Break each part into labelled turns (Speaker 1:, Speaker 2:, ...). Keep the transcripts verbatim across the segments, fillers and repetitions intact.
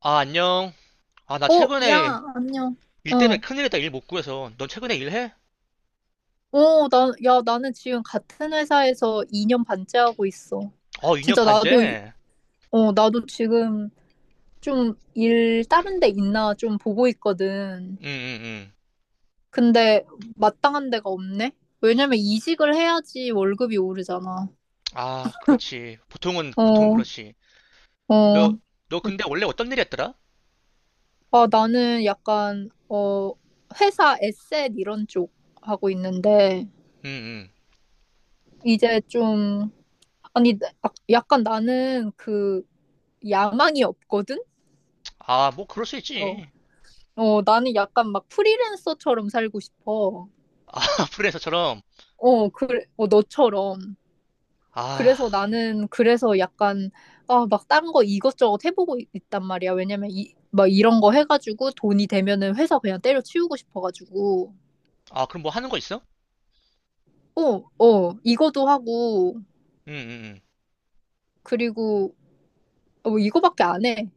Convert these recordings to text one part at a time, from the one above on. Speaker 1: 아, 안녕. 아, 나
Speaker 2: 어, 야,
Speaker 1: 최근에
Speaker 2: 안녕.
Speaker 1: 일
Speaker 2: 어,
Speaker 1: 때문에 큰일이다. 일 못 구해서. 넌 최근에 일해?
Speaker 2: 어, 나, 야, 나는 지금 같은 회사에서 이 년 반째 하고 있어.
Speaker 1: 어, 이 년
Speaker 2: 진짜 나도,
Speaker 1: 반째?
Speaker 2: 어, 나도 지금 좀 일 다른 데 있나 좀 보고 있거든.
Speaker 1: 응, 응, 응.
Speaker 2: 근데 마땅한 데가 없네? 왜냐면 이직을 해야지 월급이 오르잖아.
Speaker 1: 아, 그렇지. 보통은, 보통은
Speaker 2: 어,
Speaker 1: 그렇지.
Speaker 2: 어.
Speaker 1: 너, 너 근데 원래 어떤 일 했더라?
Speaker 2: 아, 나는 약간, 어, 회사 에셋 이런 쪽 하고 있는데,
Speaker 1: 응, 응.
Speaker 2: 이제 좀, 아니, 나- 약간 나는 그, 야망이 없거든?
Speaker 1: 아, 뭐, 그럴 수
Speaker 2: 어.
Speaker 1: 있지.
Speaker 2: 어, 나는 약간 막 프리랜서처럼 살고 싶어.
Speaker 1: 아, 프리랜서처럼.
Speaker 2: 어, 그래, 어, 너처럼.
Speaker 1: 아,
Speaker 2: 그래서 나는 그래서 약간, 아, 막 딴 거 이것저것 해보고 있- 있단 말이야. 왜냐면 이, 막 이런 거 해가지고 돈이 되면은 회사 그냥 때려치우고 싶어가지고.
Speaker 1: 아, 그럼 뭐 하는 거 있어?
Speaker 2: 어, 어, 이거도 하고,
Speaker 1: 응, 응, 응.
Speaker 2: 그리고, 어, 이거밖에 안 해.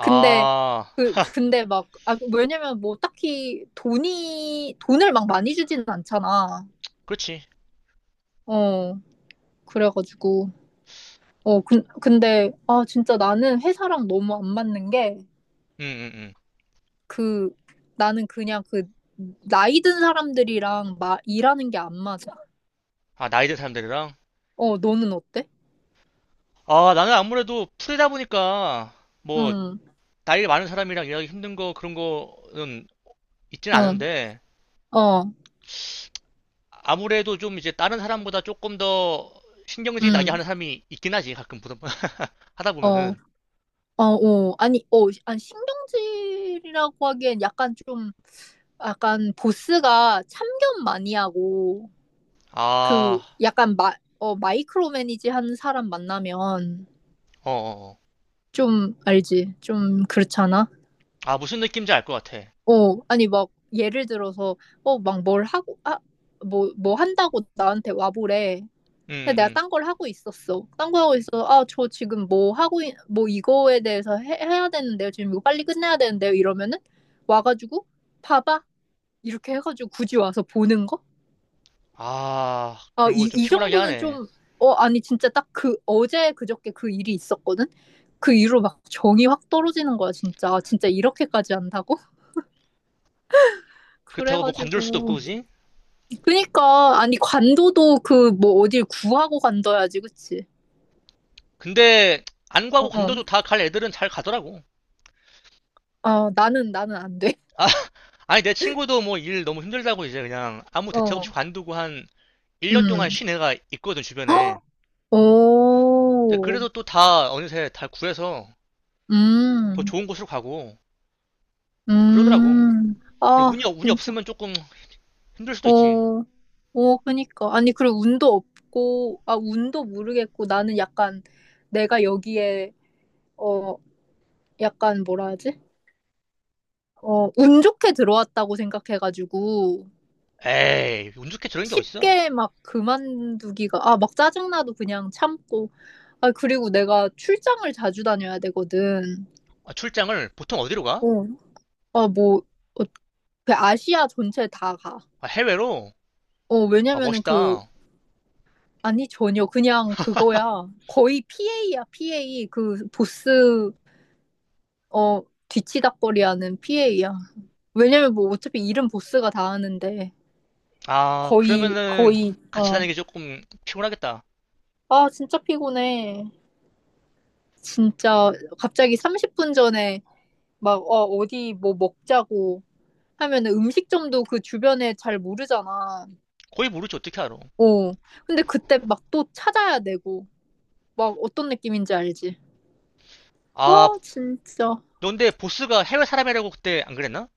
Speaker 2: 근데, 그,
Speaker 1: 하,
Speaker 2: 근데 막, 아, 왜냐면 뭐 딱히 돈이, 돈을 막 많이 주지는 않잖아.
Speaker 1: 그렇지.
Speaker 2: 어. 그래가지고 어 근, 근데 아 진짜 나는 회사랑 너무 안 맞는 게,
Speaker 1: 응, 응, 응.
Speaker 2: 그 나는 그냥 그 나이 든 사람들이랑 마, 일하는 게 안 맞아.
Speaker 1: 아, 나이 든 사람들이랑?
Speaker 2: 어 너는 어때?
Speaker 1: 아, 나는 아무래도 프리다 보니까, 뭐,
Speaker 2: 응.
Speaker 1: 나이 많은 사람이랑 일하기 힘든 거, 그런 거는 있진
Speaker 2: 어.
Speaker 1: 않은데,
Speaker 2: 어.
Speaker 1: 아무래도 좀 이제 다른 사람보다 조금 더 신경질 나게
Speaker 2: 응.
Speaker 1: 하는 사람이 있긴 하지. 가끔 보다 보- 하다
Speaker 2: 어.
Speaker 1: 보면은
Speaker 2: 어, 어, 아니, 어, 아니, 신경질이라고 하기엔 약간 좀, 약간 보스가 참견 많이 하고,
Speaker 1: 아,
Speaker 2: 그, 약간 마, 어, 마이크로 매니지 하는 사람 만나면,
Speaker 1: 어, 어, 어.
Speaker 2: 좀, 알지? 좀 그렇잖아?
Speaker 1: 아 무슨 느낌인지 알 것 같아. 음,
Speaker 2: 어, 아니, 막, 예를 들어서, 어, 막 뭘 하고, 아, 뭐, 뭐 한다고 나한테 와보래.
Speaker 1: 음.
Speaker 2: 근데 내가 딴
Speaker 1: 음.
Speaker 2: 걸 하고 있었어. 딴 거 하고 있어. 아, 저 지금 뭐 하고, 있, 뭐 이거에 대해서 해, 해야 되는데요. 지금 이거 빨리 끝내야 되는데요. 이러면은, 와가지고, 봐봐. 이렇게 해가지고 굳이 와서 보는 거?
Speaker 1: 아
Speaker 2: 아,
Speaker 1: 그런 거
Speaker 2: 이,
Speaker 1: 좀
Speaker 2: 이
Speaker 1: 피곤하게
Speaker 2: 정도는
Speaker 1: 하네.
Speaker 2: 좀, 어, 아니, 진짜 딱 그, 어제 그저께 그 일이 있었거든? 그 이후로 막 정이 확 떨어지는 거야, 진짜. 아, 진짜 이렇게까지 한다고?
Speaker 1: 그렇다고 뭐 관둘 수도 없고
Speaker 2: 그래가지고.
Speaker 1: 그지?
Speaker 2: 그니까 아니 관도도 그 뭐 어딜 구하고 간다야지, 그치?
Speaker 1: 근데 안 가고
Speaker 2: 어,
Speaker 1: 관둬도 다 갈 애들은 잘 가더라고.
Speaker 2: 어.. 나는 나는 안 돼.
Speaker 1: 아, 아니 내 친구도 뭐 일 너무 힘들다고 이제 그냥 아무 대책 없이
Speaker 2: 어.
Speaker 1: 관두고 한 일 년 동안
Speaker 2: 음.
Speaker 1: 쉰 애가 있거든 주변에. 근데
Speaker 2: 오.
Speaker 1: 그래도 또 다 어느새 다 구해서 더
Speaker 2: 음.
Speaker 1: 좋은 곳으로 가고 다 그러더라고.
Speaker 2: 음.
Speaker 1: 근데
Speaker 2: 아,
Speaker 1: 운이, 없- 운이
Speaker 2: 진짜.
Speaker 1: 없으면 조금 힘들 수도 있지.
Speaker 2: 어. 어 그니까 아니, 그리고 운도 없고, 아 운도 모르겠고, 나는 약간 내가 여기에 어 약간 뭐라 하지? 어 운 좋게 들어왔다고 생각해가지고,
Speaker 1: 에이, 운 좋게 저런 게 어딨어.
Speaker 2: 쉽게 막 그만두기가, 아 막 짜증나도 그냥 참고. 아 그리고 내가 출장을 자주 다녀야 되거든.
Speaker 1: 아, 출장을 보통 어디로 가?
Speaker 2: 어. 아 뭐 어, 그 아시아 전체 다 가.
Speaker 1: 아, 해외로?
Speaker 2: 어
Speaker 1: 아,
Speaker 2: 왜냐면은, 그,
Speaker 1: 멋있다.
Speaker 2: 아니, 전혀 그냥 그거야. 거의 피 에이야, 피 에이, 그 보스 어 뒤치다꺼리하는 피 에이야. 왜냐면 뭐 어차피 일은 보스가 다 하는데,
Speaker 1: 아,
Speaker 2: 거의
Speaker 1: 그러면은
Speaker 2: 거의.
Speaker 1: 같이
Speaker 2: 어
Speaker 1: 다니기 조금 피곤하겠다.
Speaker 2: 아 진짜 피곤해. 진짜 갑자기 삼십 분 전에 막, 어, 어디 뭐 먹자고 하면은 음식점도 그 주변에 잘 모르잖아.
Speaker 1: 거의 모르지, 어떻게 알아.
Speaker 2: 어, 근데 그때 막 또 찾아야 되고, 막 어떤 느낌인지 알지?
Speaker 1: 아,
Speaker 2: 아, 진짜.
Speaker 1: 넌데 보스가 해외 사람이라고 그때 안 그랬나?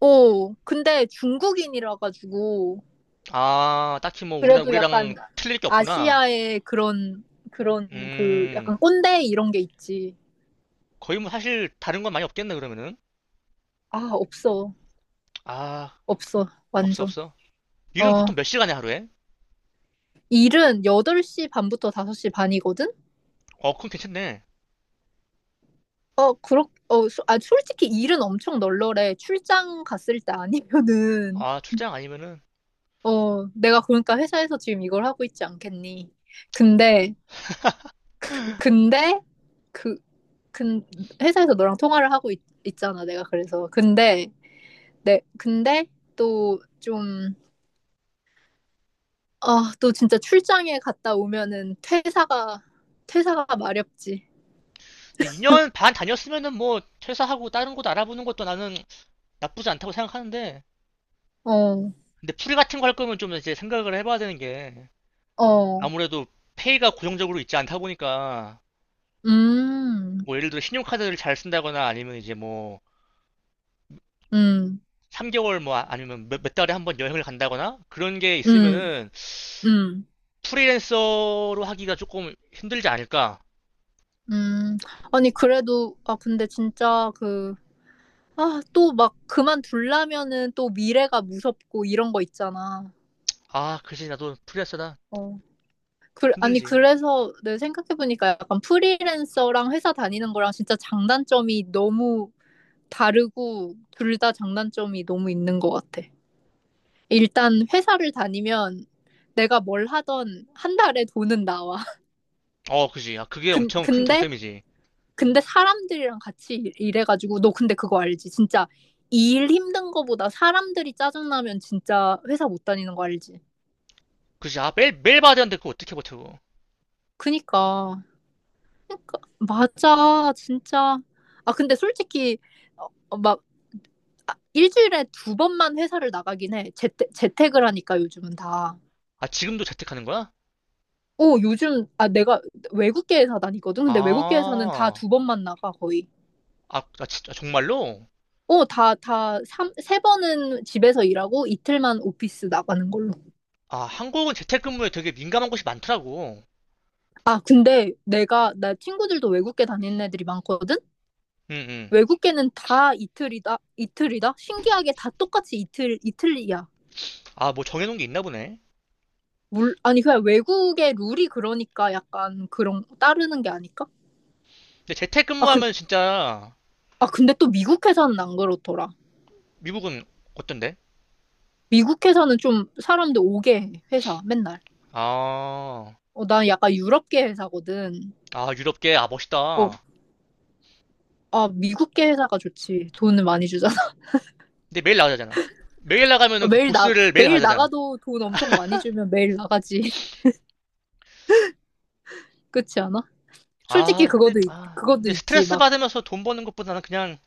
Speaker 2: 어, 근데 중국인이라 가지고,
Speaker 1: 아, 딱히 뭐 우리나,
Speaker 2: 그래도
Speaker 1: 우리랑
Speaker 2: 약간
Speaker 1: 틀릴 게 없구나.
Speaker 2: 아시아의 그런, 그런 그
Speaker 1: 음,
Speaker 2: 약간 꼰대 이런 게 있지.
Speaker 1: 거의 뭐 사실 다른 건 많이 없겠네, 그러면은.
Speaker 2: 아, 없어.
Speaker 1: 아,
Speaker 2: 없어.
Speaker 1: 없어,
Speaker 2: 완전.
Speaker 1: 없어. 일은
Speaker 2: 어,
Speaker 1: 보통 몇 시간에 하루에?
Speaker 2: 일은 여덟 시 반부터 다섯 시 반이거든?
Speaker 1: 어, 그럼 괜찮네.
Speaker 2: 어, 그렇, 어, 소- 아, 솔직히 일은 엄청 널널해. 출장 갔을 때 아니면은,
Speaker 1: 아, 출장 아니면은
Speaker 2: 어, 내가 그러니까 회사에서 지금 이걸 하고 있지 않겠니? 근데, 근데, 그, 근, 회사에서 너랑 통화를 하고 있, 잖아, 내가. 그래서, 근데, 내, 근데 또 좀, 아, 또 진짜 출장에 갔다 오면은 퇴사가, 퇴사가 마렵지.
Speaker 1: 근데 이 년 반 다녔으면은 뭐 퇴사하고 다른 곳 알아보는 것도 나는 나쁘지 않다고 생각하는데
Speaker 2: 어,
Speaker 1: 근데 풀 같은 거 할 거면 좀 이제 생각을 해봐야 되는 게
Speaker 2: 어,
Speaker 1: 아무래도 페이가 고정적으로 있지 않다 보니까
Speaker 2: 음,
Speaker 1: 뭐 예를 들어 신용카드를 잘 쓴다거나 아니면 이제 뭐
Speaker 2: 음,
Speaker 1: 삼 개월 뭐 아- 아니면 몇, 몇 달에 한 번 여행을 간다거나 그런 게
Speaker 2: 음,
Speaker 1: 있으면은
Speaker 2: 음.
Speaker 1: 프리랜서로 하기가 조금 힘들지 않을까?
Speaker 2: 음, 아니, 그래도, 아, 근데 진짜 그, 아, 또 막 그만둘라면은 또 미래가 무섭고 이런 거 있잖아.
Speaker 1: 아, 그지 나도 프리랜서다
Speaker 2: 어. 그, 아니,
Speaker 1: 힘들지.
Speaker 2: 그래서 내 생각해보니까, 약간 프리랜서랑 회사 다니는 거랑 진짜 장단점이 너무 다르고, 둘 다 장단점이 너무 있는 것 같아. 일단 회사를 다니면, 내가 뭘 하던 한 달에 돈은 나와.
Speaker 1: 어, 그지. 아, 그게
Speaker 2: 근,
Speaker 1: 엄청 큰
Speaker 2: 근데
Speaker 1: 장점이지.
Speaker 2: 근데 사람들이랑 같이 일- 해가지고, 너 근데 그거 알지? 진짜 일 힘든 거보다 사람들이 짜증나면 진짜 회사 못 다니는 거 알지?
Speaker 1: 그지. 아, 매일 매일 봐야 되는데 그거 어떻게 버텨?
Speaker 2: 그니까. 그니까 맞아, 진짜. 아 근데 솔직히 어, 어, 막 아, 일주일에 두 번만 회사를 나가긴 해. 재택, 재택을 하니까, 요즘은 다.
Speaker 1: 아, 지금도 재택하는 거야?
Speaker 2: 어, 요즘 아 내가 외국계 회사 다니거든. 근데 외국계 회사는 다
Speaker 1: 아,
Speaker 2: 두 번만 나가, 거의.
Speaker 1: 아, 아, 진짜, 정말로?
Speaker 2: 어, 다, 다, 삼, 세 번은 집에서 일하고 이틀만 오피스 나가는 걸로.
Speaker 1: 아, 한국은 재택근무에 되게 민감한 곳이 많더라고.
Speaker 2: 아, 근데 내가, 나 친구들도 외국계 다니는 애들이 많거든?
Speaker 1: 응, 응.
Speaker 2: 외국계는 다 이틀이다? 이틀이다? 신기하게 다 똑같이 이틀, 이틀이야.
Speaker 1: 아, 뭐 정해놓은 게 있나 보네.
Speaker 2: 물, 아니, 그냥 외국의 룰이 그러니까 약간 그런, 따르는 게 아닐까?
Speaker 1: 근데
Speaker 2: 아, 근,
Speaker 1: 재택근무하면 진짜
Speaker 2: 아, 근데 또 미국 회사는 안 그렇더라.
Speaker 1: 미국은 어떤데?
Speaker 2: 미국 회사는 좀 사람들 오게 해, 회사, 맨날.
Speaker 1: 아,
Speaker 2: 어, 난 약간 유럽계 회사거든.
Speaker 1: 아, 유럽계, 아,
Speaker 2: 어,
Speaker 1: 멋있다.
Speaker 2: 아, 미국계 회사가 좋지. 돈을 많이 주잖아.
Speaker 1: 근데 매일 나가잖아. 매일 나가면은 그
Speaker 2: 매일 나,
Speaker 1: 보스를 매일
Speaker 2: 매일
Speaker 1: 가잖아. 자
Speaker 2: 나가도 돈 엄청 많이 주면 매일 나가지. 그렇지 않아? 솔직히
Speaker 1: 아, 근데,
Speaker 2: 그것도 있-
Speaker 1: 아,
Speaker 2: 그것도
Speaker 1: 근데
Speaker 2: 있지,
Speaker 1: 스트레스
Speaker 2: 막.
Speaker 1: 받으면서 돈 버는 것보다는 그냥,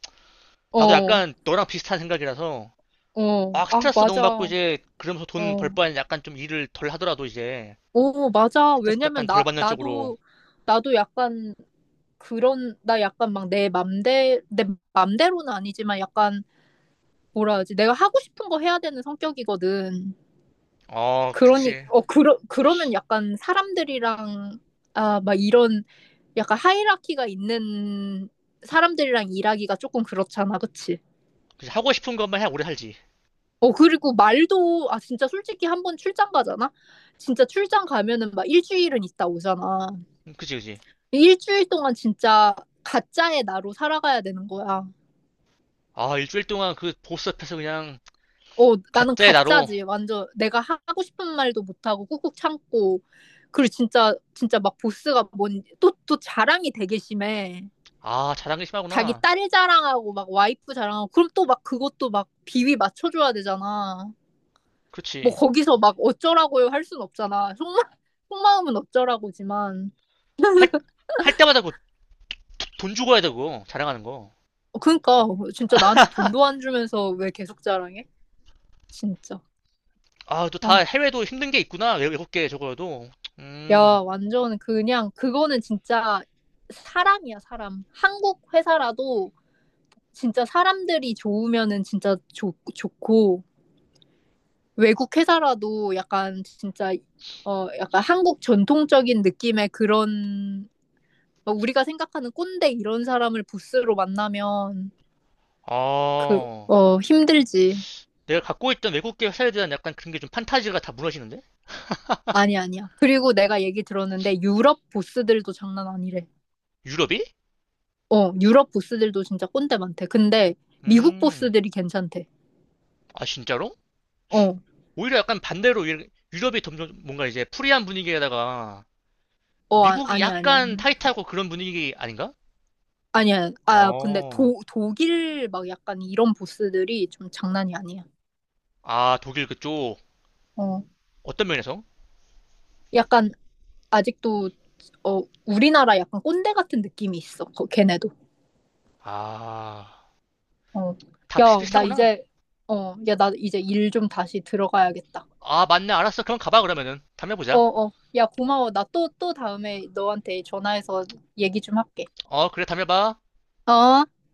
Speaker 1: 나도
Speaker 2: 어,
Speaker 1: 약간 너랑 비슷한 생각이라서,
Speaker 2: 어,
Speaker 1: 막
Speaker 2: 아,
Speaker 1: 스트레스 너무
Speaker 2: 맞아,
Speaker 1: 받고 이제, 그러면서 돈 벌
Speaker 2: 어,
Speaker 1: 바엔 약간 좀 일을 덜 하더라도 이제,
Speaker 2: 오, 맞아.
Speaker 1: 스트레스
Speaker 2: 왜냐면
Speaker 1: 약간 덜
Speaker 2: 나
Speaker 1: 받는 쪽으로
Speaker 2: 나도 나도 약간. 그런 나 약간 막 내 맘대 내 맘대로는 아니지만, 약간 뭐라 하지, 내가 하고 싶은 거 해야 되는 성격이거든.
Speaker 1: 어,
Speaker 2: 그러니
Speaker 1: 그치.
Speaker 2: 어 그러 그러면, 약간 사람들이랑 아 막 이런 약간 하이라키가 있는 사람들이랑 일하기가 조금 그렇잖아, 그치?
Speaker 1: 그치. 하고 싶은 것만 해 오래 살지.
Speaker 2: 어, 그리고 말도, 아, 진짜 솔직히 한 번 출장 가잖아? 진짜 출장 가면은 막 일주일은 있다 오잖아.
Speaker 1: 음, 그치, 그치.
Speaker 2: 일주일 동안 진짜 가짜의 나로 살아가야 되는 거야.
Speaker 1: 아, 일주일 동안 그 보스 앞에서 그냥
Speaker 2: 어, 나는
Speaker 1: 가짜의 나로.
Speaker 2: 가짜지. 완전 내가 하- 하고 싶은 말도 못하고 꾹꾹 참고. 그리고 진짜, 진짜 막 보스가 뭔, 또, 또 자랑이 되게 심해.
Speaker 1: 아, 자랑이
Speaker 2: 자기
Speaker 1: 심하구나.
Speaker 2: 딸 자랑하고 막 와이프 자랑하고. 그럼 또 막 그것도 막 비위 맞춰줘야 되잖아. 뭐
Speaker 1: 그렇지.
Speaker 2: 거기서 막 어쩌라고요 할 순 없잖아. 속마, 속마음은 어쩌라고지만.
Speaker 1: 할, 할 때마다 그 돈 주고 해야 되고, 자랑하는 거.
Speaker 2: 어, 그러니까 진짜 나한테 돈도 안 주면서 왜 계속 자랑해? 진짜.
Speaker 1: 아, 또 다
Speaker 2: 아,
Speaker 1: 해외도 힘든 게 있구나. 외, 외국계 저거도.
Speaker 2: 야,
Speaker 1: 음,
Speaker 2: 완전 그냥 그거는 진짜 사람이야, 사람. 한국 회사라도 진짜 사람들이 좋으면은 진짜 좋, 좋고, 외국 회사라도 약간 진짜 어 약간 한국 전통적인 느낌의 그런, 막 우리가 생각하는 꼰대 이런 사람을 부스로 만나면, 그,
Speaker 1: 어.
Speaker 2: 어, 힘들지.
Speaker 1: 내가 갖고 있던 외국계 회사에 대한 약간 그런 게 좀 판타지가 다 무너지는데?
Speaker 2: 아니, 아니야. 그리고 내가 얘기 들었는데 유럽 보스들도 장난 아니래.
Speaker 1: 유럽이?
Speaker 2: 어, 유럽 보스들도 진짜 꼰대 많대. 근데 미국
Speaker 1: 음,
Speaker 2: 보스들이 괜찮대.
Speaker 1: 아, 진짜로?
Speaker 2: 어,
Speaker 1: 오히려 약간 반대로 유- 유럽이 점점 뭔가 이제 프리한 분위기에다가
Speaker 2: 어, 아,
Speaker 1: 미국이
Speaker 2: 아니, 아니야.
Speaker 1: 약간 타이트하고 그런 분위기 아닌가?
Speaker 2: 아니야. 아, 근데
Speaker 1: 어,
Speaker 2: 도, 독일 막 약간 이런 보스들이 좀 장난이 아니야.
Speaker 1: 아, 독일 그쪽.
Speaker 2: 어,
Speaker 1: 어떤 면에서?
Speaker 2: 약간 아직도, 어, 우리나라 약간 꼰대 같은 느낌이 있어. 거- 걔네도.
Speaker 1: 아,
Speaker 2: 어,
Speaker 1: 다
Speaker 2: 야, 나
Speaker 1: 비슷비슷하구나.
Speaker 2: 이제, 어, 야, 나 이제 일 좀 다시 들어가야겠다.
Speaker 1: 아, 맞네. 알았어. 그럼 가봐, 그러면은. 담배
Speaker 2: 어,
Speaker 1: 보자.
Speaker 2: 어. 야, 고마워. 나 또, 또 다음에 너한테 전화해서 얘기 좀 할게.
Speaker 1: 어, 그래, 담배 봐.
Speaker 2: 어?